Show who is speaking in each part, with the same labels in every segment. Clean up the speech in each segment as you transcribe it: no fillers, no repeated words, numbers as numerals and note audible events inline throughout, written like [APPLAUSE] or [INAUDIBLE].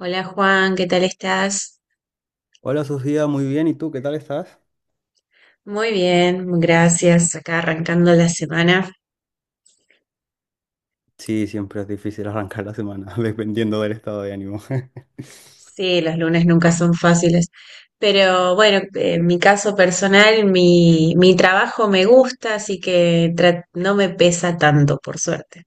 Speaker 1: Hola Juan, ¿qué tal estás?
Speaker 2: Hola Sofía, muy bien. ¿Y tú qué tal estás?
Speaker 1: Muy bien, gracias. Acá arrancando la semana.
Speaker 2: Sí, siempre es difícil arrancar la semana, [LAUGHS] dependiendo del estado de ánimo. [LAUGHS]
Speaker 1: Sí, los lunes nunca son fáciles, pero bueno, en mi caso personal, mi trabajo me gusta, así que no me pesa tanto, por suerte.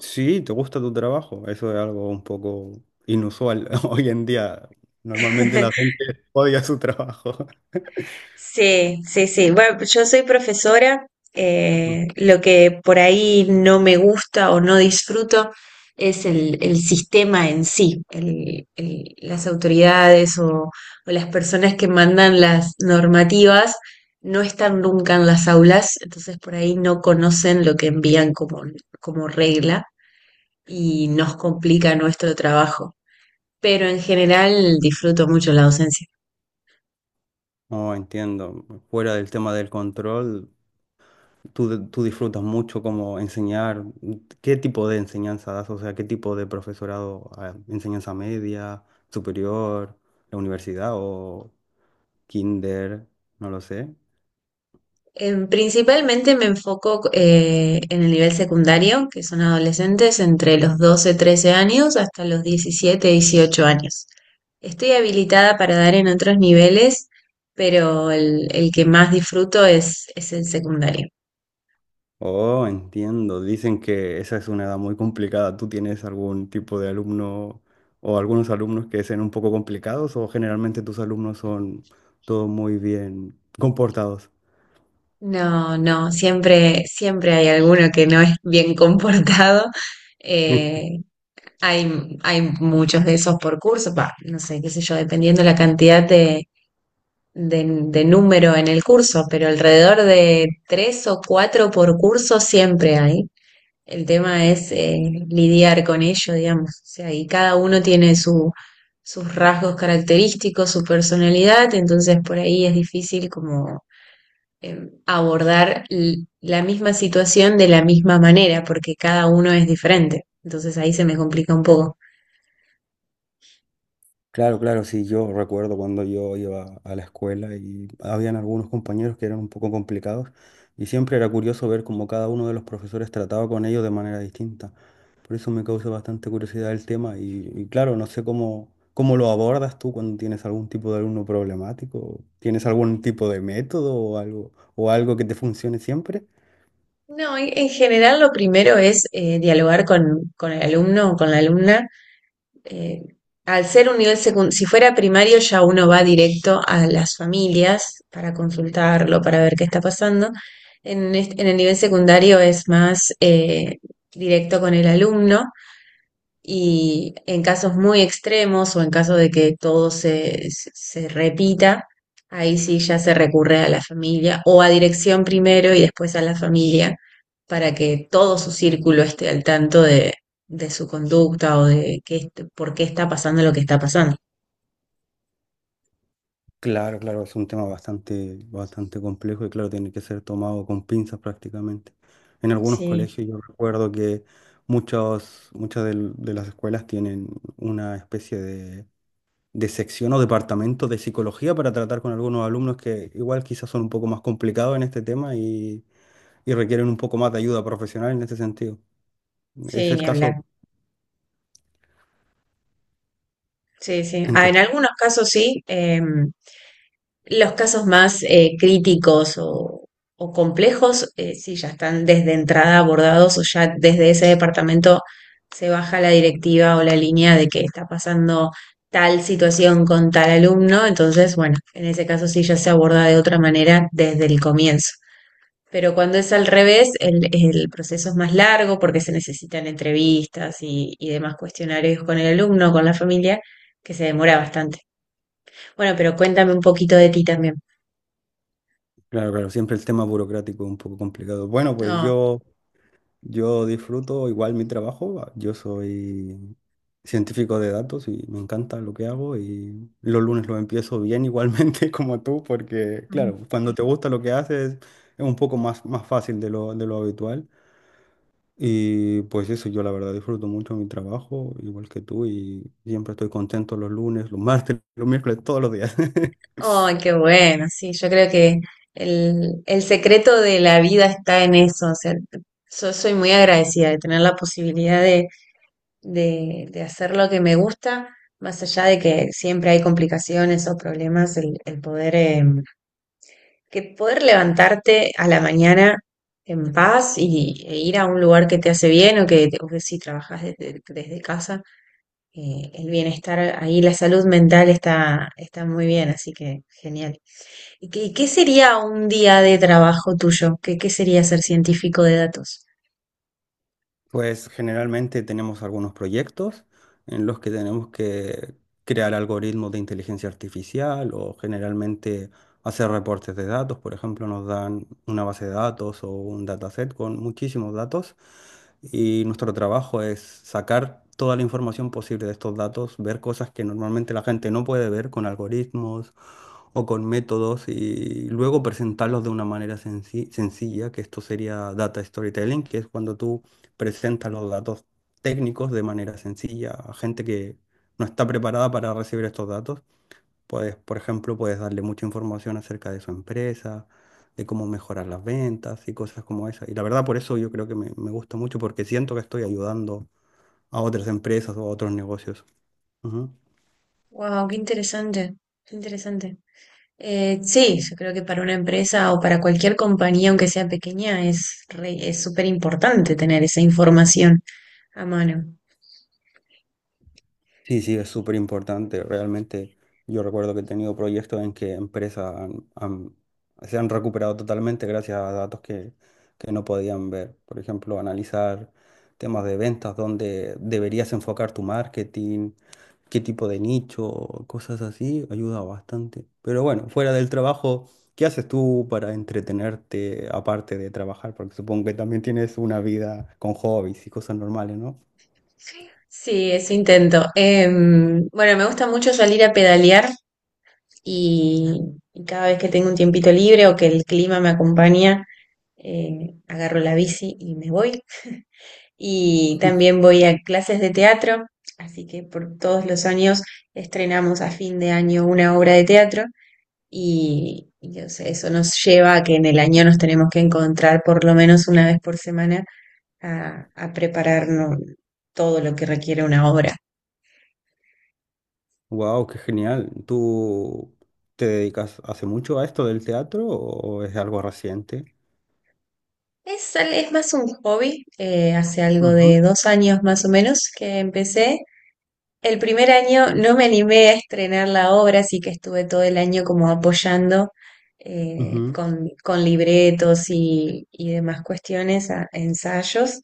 Speaker 2: Sí, ¿te gusta tu trabajo? Eso es algo un poco inusual [LAUGHS] hoy en día. Normalmente la
Speaker 1: [LAUGHS]
Speaker 2: gente odia su trabajo.
Speaker 1: Sí, sí, sí. Bueno, yo soy profesora.
Speaker 2: [LAUGHS]
Speaker 1: Lo que por ahí no me gusta o no disfruto es el sistema en sí, las autoridades o las personas que mandan las normativas no están nunca en las aulas, entonces por ahí no conocen lo que envían como, como regla y nos complica nuestro trabajo. Pero en general disfruto mucho la docencia.
Speaker 2: No entiendo. Fuera del tema del control, tú disfrutas mucho como enseñar. ¿Qué tipo de enseñanza das? O sea, ¿qué tipo de profesorado? ¿Enseñanza media, superior, ¿la universidad o...? ¿Kinder? No lo sé.
Speaker 1: Principalmente me enfoco en el nivel secundario, que son adolescentes entre los 12, 13 años hasta los 17, 18 años. Estoy habilitada para dar en otros niveles, pero el que más disfruto es el secundario.
Speaker 2: Oh, entiendo. Dicen que esa es una edad muy complicada. ¿Tú tienes algún tipo de alumno o algunos alumnos que sean un poco complicados o generalmente tus alumnos son todos muy bien comportados?
Speaker 1: No, no, siempre, siempre hay alguno que no es bien comportado.
Speaker 2: [LAUGHS]
Speaker 1: Eh, Hay, hay muchos de esos por curso, pa, no sé, qué sé yo, dependiendo la cantidad de de número en el curso, pero alrededor de tres o cuatro por curso siempre hay. El tema es lidiar con ello, digamos. O sea, y cada uno tiene su, sus rasgos característicos, su personalidad, entonces por ahí es difícil como abordar la misma situación de la misma manera, porque cada uno es diferente. Entonces ahí se me complica un poco.
Speaker 2: Claro, claro, sí, yo recuerdo cuando yo iba a la escuela y habían algunos compañeros que eran un poco complicados y siempre era curioso ver cómo cada uno de los profesores trataba con ellos de manera distinta. Por eso me causa bastante curiosidad el tema y claro, no sé cómo, cómo lo abordas tú cuando tienes algún tipo de alumno problemático, tienes algún tipo de método o algo que te funcione siempre.
Speaker 1: No, en general lo primero es dialogar con el alumno o con la alumna eh, al ser un nivel secundario, si fuera primario ya uno va directo a las familias para consultarlo, para ver qué está pasando. En el nivel secundario es más directo con el alumno y en casos muy extremos o en caso de que todo se repita, ahí sí ya se recurre a la familia o a dirección primero y después a la familia para que todo su círculo esté al tanto de su conducta o de qué, por qué está pasando lo que está pasando.
Speaker 2: Claro, claro, es un tema bastante, bastante complejo y claro, tiene que ser tomado con pinzas prácticamente. En algunos
Speaker 1: Sí,
Speaker 2: colegios yo recuerdo que muchos, muchas de las escuelas tienen una especie de sección o departamento de psicología para tratar con algunos alumnos que igual quizás son un poco más complicados en este tema y requieren un poco más de ayuda profesional en este sentido. ¿Es
Speaker 1: sí,
Speaker 2: el
Speaker 1: ni
Speaker 2: caso
Speaker 1: hablar. Sí, sí.
Speaker 2: en
Speaker 1: Ah,
Speaker 2: tu-?
Speaker 1: en algunos casos sí. Los casos más críticos o complejos, sí, ya están desde entrada abordados o ya desde ese departamento se baja la directiva o la línea de que está pasando tal situación con tal alumno. Entonces, bueno, en ese caso sí ya se aborda de otra manera desde el comienzo. Pero cuando es al revés, el proceso es más largo porque se necesitan entrevistas y demás cuestionarios con el alumno, con la familia, que se demora bastante. Bueno, pero cuéntame un poquito de ti también.
Speaker 2: Claro, claro, siempre el tema burocrático es un poco complicado. Bueno, pues
Speaker 1: No,
Speaker 2: yo... yo disfruto igual mi trabajo. Yo soy científico de datos y me encanta lo que hago y los lunes lo empiezo bien igualmente [LAUGHS] como tú porque,
Speaker 1: Ujú.
Speaker 2: claro, cuando te gusta lo que haces es un poco más, más fácil de lo habitual. Y pues eso, yo la verdad disfruto mucho mi trabajo, igual que tú, y siempre estoy contento los lunes, los martes, [LAUGHS] los miércoles, todos los días. [LAUGHS]
Speaker 1: Ay, qué bueno, sí, yo creo que el secreto de la vida está en eso, o sea, yo soy muy agradecida de tener la posibilidad de hacer lo que me gusta, más allá de que siempre hay complicaciones o problemas, el poder, que poder levantarte a la mañana en paz y, e ir a un lugar que te hace bien o que si trabajas desde casa, el bienestar ahí, la salud mental está, está muy bien, así que genial. ¿Y qué, qué sería un día de trabajo tuyo? ¿Qué, qué sería ser científico de datos?
Speaker 2: Pues generalmente tenemos algunos proyectos en los que tenemos que crear algoritmos de inteligencia artificial o generalmente hacer reportes de datos. Por ejemplo, nos dan una base de datos o un dataset con muchísimos datos y nuestro trabajo es sacar toda la información posible de estos datos, ver cosas que normalmente la gente no puede ver con algoritmos o con métodos y luego presentarlos de una manera sencilla, que esto sería data storytelling, que es cuando tú presenta los datos técnicos de manera sencilla a gente que no está preparada para recibir estos datos. Puedes, por ejemplo, puedes darle mucha información acerca de su empresa, de cómo mejorar las ventas y cosas como esa. Y la verdad, por eso yo creo que me gusta mucho porque siento que estoy ayudando a otras empresas o a otros negocios. Ujú.
Speaker 1: Wow, qué interesante, qué interesante. Sí, yo creo que para una empresa o para cualquier compañía, aunque sea pequeña, es súper importante tener esa información a mano.
Speaker 2: Sí, sí, es súper importante. Realmente yo recuerdo que he tenido proyectos en que empresas se han recuperado totalmente gracias a datos que no podían ver. Por ejemplo, analizar temas de ventas, dónde deberías enfocar tu marketing, qué tipo de nicho, cosas así, ayuda bastante. Pero bueno, fuera del trabajo, ¿qué haces tú para entretenerte aparte de trabajar? Porque supongo que también tienes una vida con hobbies y cosas normales, ¿no?
Speaker 1: Sí, eso intento. Bueno, me gusta mucho salir a pedalear y, y cada vez que tengo un tiempito libre o que el clima me acompaña, agarro la bici y me voy. [LAUGHS] Y también voy a clases de teatro, así que por todos los años estrenamos a fin de año una obra de teatro y, o sea, eso nos lleva a que en el año nos tenemos que encontrar por lo menos una vez por semana a prepararnos todo lo que requiere una obra.
Speaker 2: Wow, qué genial. ¿Tú te dedicas hace mucho a esto del teatro o es algo reciente?
Speaker 1: Es más un hobby, hace algo
Speaker 2: Ujú,
Speaker 1: de 2 años más o menos que empecé. El primer año no me animé a estrenar la obra, así que estuve todo el año como apoyando
Speaker 2: ujú,
Speaker 1: con libretos y demás cuestiones, ensayos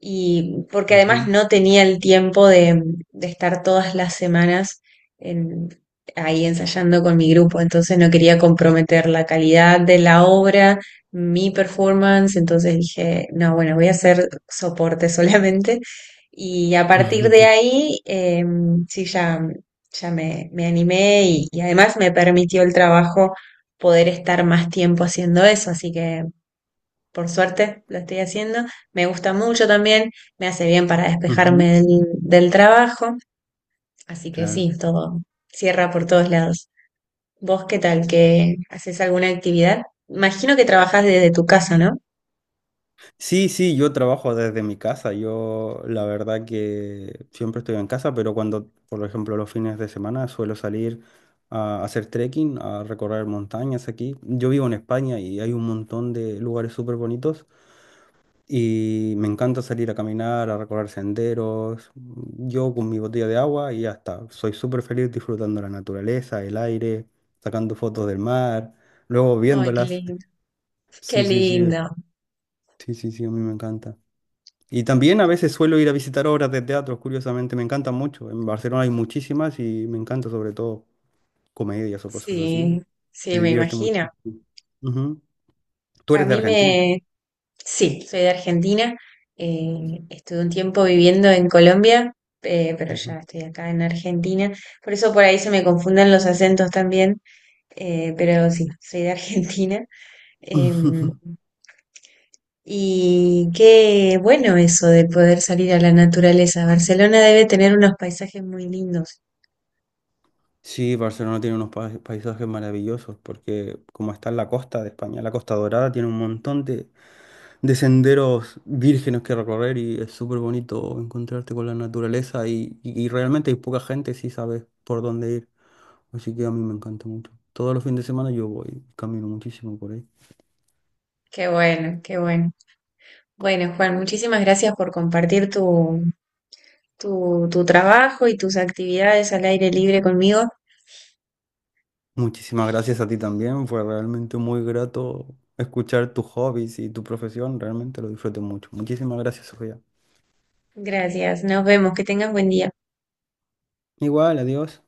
Speaker 1: y porque además
Speaker 2: ujú,
Speaker 1: no tenía el tiempo de estar todas las semanas en- ahí ensayando con mi grupo, entonces no quería comprometer la calidad de la obra, mi performance, entonces dije, no, bueno, voy a hacer soporte [LAUGHS] solamente y a partir de
Speaker 2: ujú, [LAUGHS]
Speaker 1: ahí sí ya, ya me animé y además me permitió el trabajo poder estar más tiempo haciendo eso, así que por suerte lo estoy haciendo. Me gusta mucho también, me hace bien para
Speaker 2: ujú.
Speaker 1: despejarme del, del trabajo. Así que
Speaker 2: Claro.
Speaker 1: sí, todo cierra por todos lados. ¿Vos qué tal? ¿Que haces alguna actividad? Imagino que trabajás desde tu casa, ¿no?
Speaker 2: Sí, sí, yo trabajo desde mi casa. Yo la verdad que siempre estoy en casa, pero cuando, por ejemplo, los fines de semana suelo salir a hacer trekking, a recorrer montañas aquí. Yo vivo en España y hay un montón de lugares súper bonitos. Y me encanta salir a caminar, a recorrer senderos. Yo con mi botella de agua y ya está. Soy súper feliz disfrutando la naturaleza, el aire, sacando fotos del mar, luego
Speaker 1: Ay, qué
Speaker 2: viéndolas. [LAUGHS]
Speaker 1: lindo. Qué
Speaker 2: Sí, sí, sí.
Speaker 1: lindo.
Speaker 2: Sí, sí, sí, a mí me encanta. Y también a veces suelo ir a visitar obras de teatro, curiosamente, me encantan mucho. En Barcelona hay muchísimas y me encanta sobre todo comedias o cosas así.
Speaker 1: Sí,
Speaker 2: Me
Speaker 1: sí, me
Speaker 2: divierte
Speaker 1: imagino.
Speaker 2: muchísimo. Ujú. Tú
Speaker 1: A
Speaker 2: eres de
Speaker 1: mí
Speaker 2: Argentina.
Speaker 1: me... Sí, soy de Argentina. Estuve un tiempo viviendo en Colombia, pero
Speaker 2: Ujú.
Speaker 1: ya estoy acá en Argentina. Por eso por ahí se me confunden los acentos también. Pero sí, soy de Argentina. em,
Speaker 2: [LAUGHS]
Speaker 1: y qué bueno eso de poder salir a la naturaleza. Barcelona debe tener unos paisajes muy lindos.
Speaker 2: Sí, Barcelona tiene unos paisajes maravillosos porque como está en la costa de España, la Costa Dorada tiene un montón de senderos vírgenes que recorrer y es súper bonito encontrarte con la naturaleza y realmente hay poca gente si sabes por dónde ir. Así que a mí me encanta mucho. Todos los fines de semana yo voy, camino muchísimo por ahí.
Speaker 1: Qué bueno, qué bueno. Bueno, Juan, muchísimas gracias por compartir tu, tu, tu trabajo y tus actividades al aire libre conmigo.
Speaker 2: Muchísimas gracias a ti también, fue realmente muy grato escuchar tus hobbies y tu profesión, realmente lo disfruté mucho. Muchísimas gracias, Sofía.
Speaker 1: Gracias, nos vemos, que tengas buen día.
Speaker 2: Igual, adiós.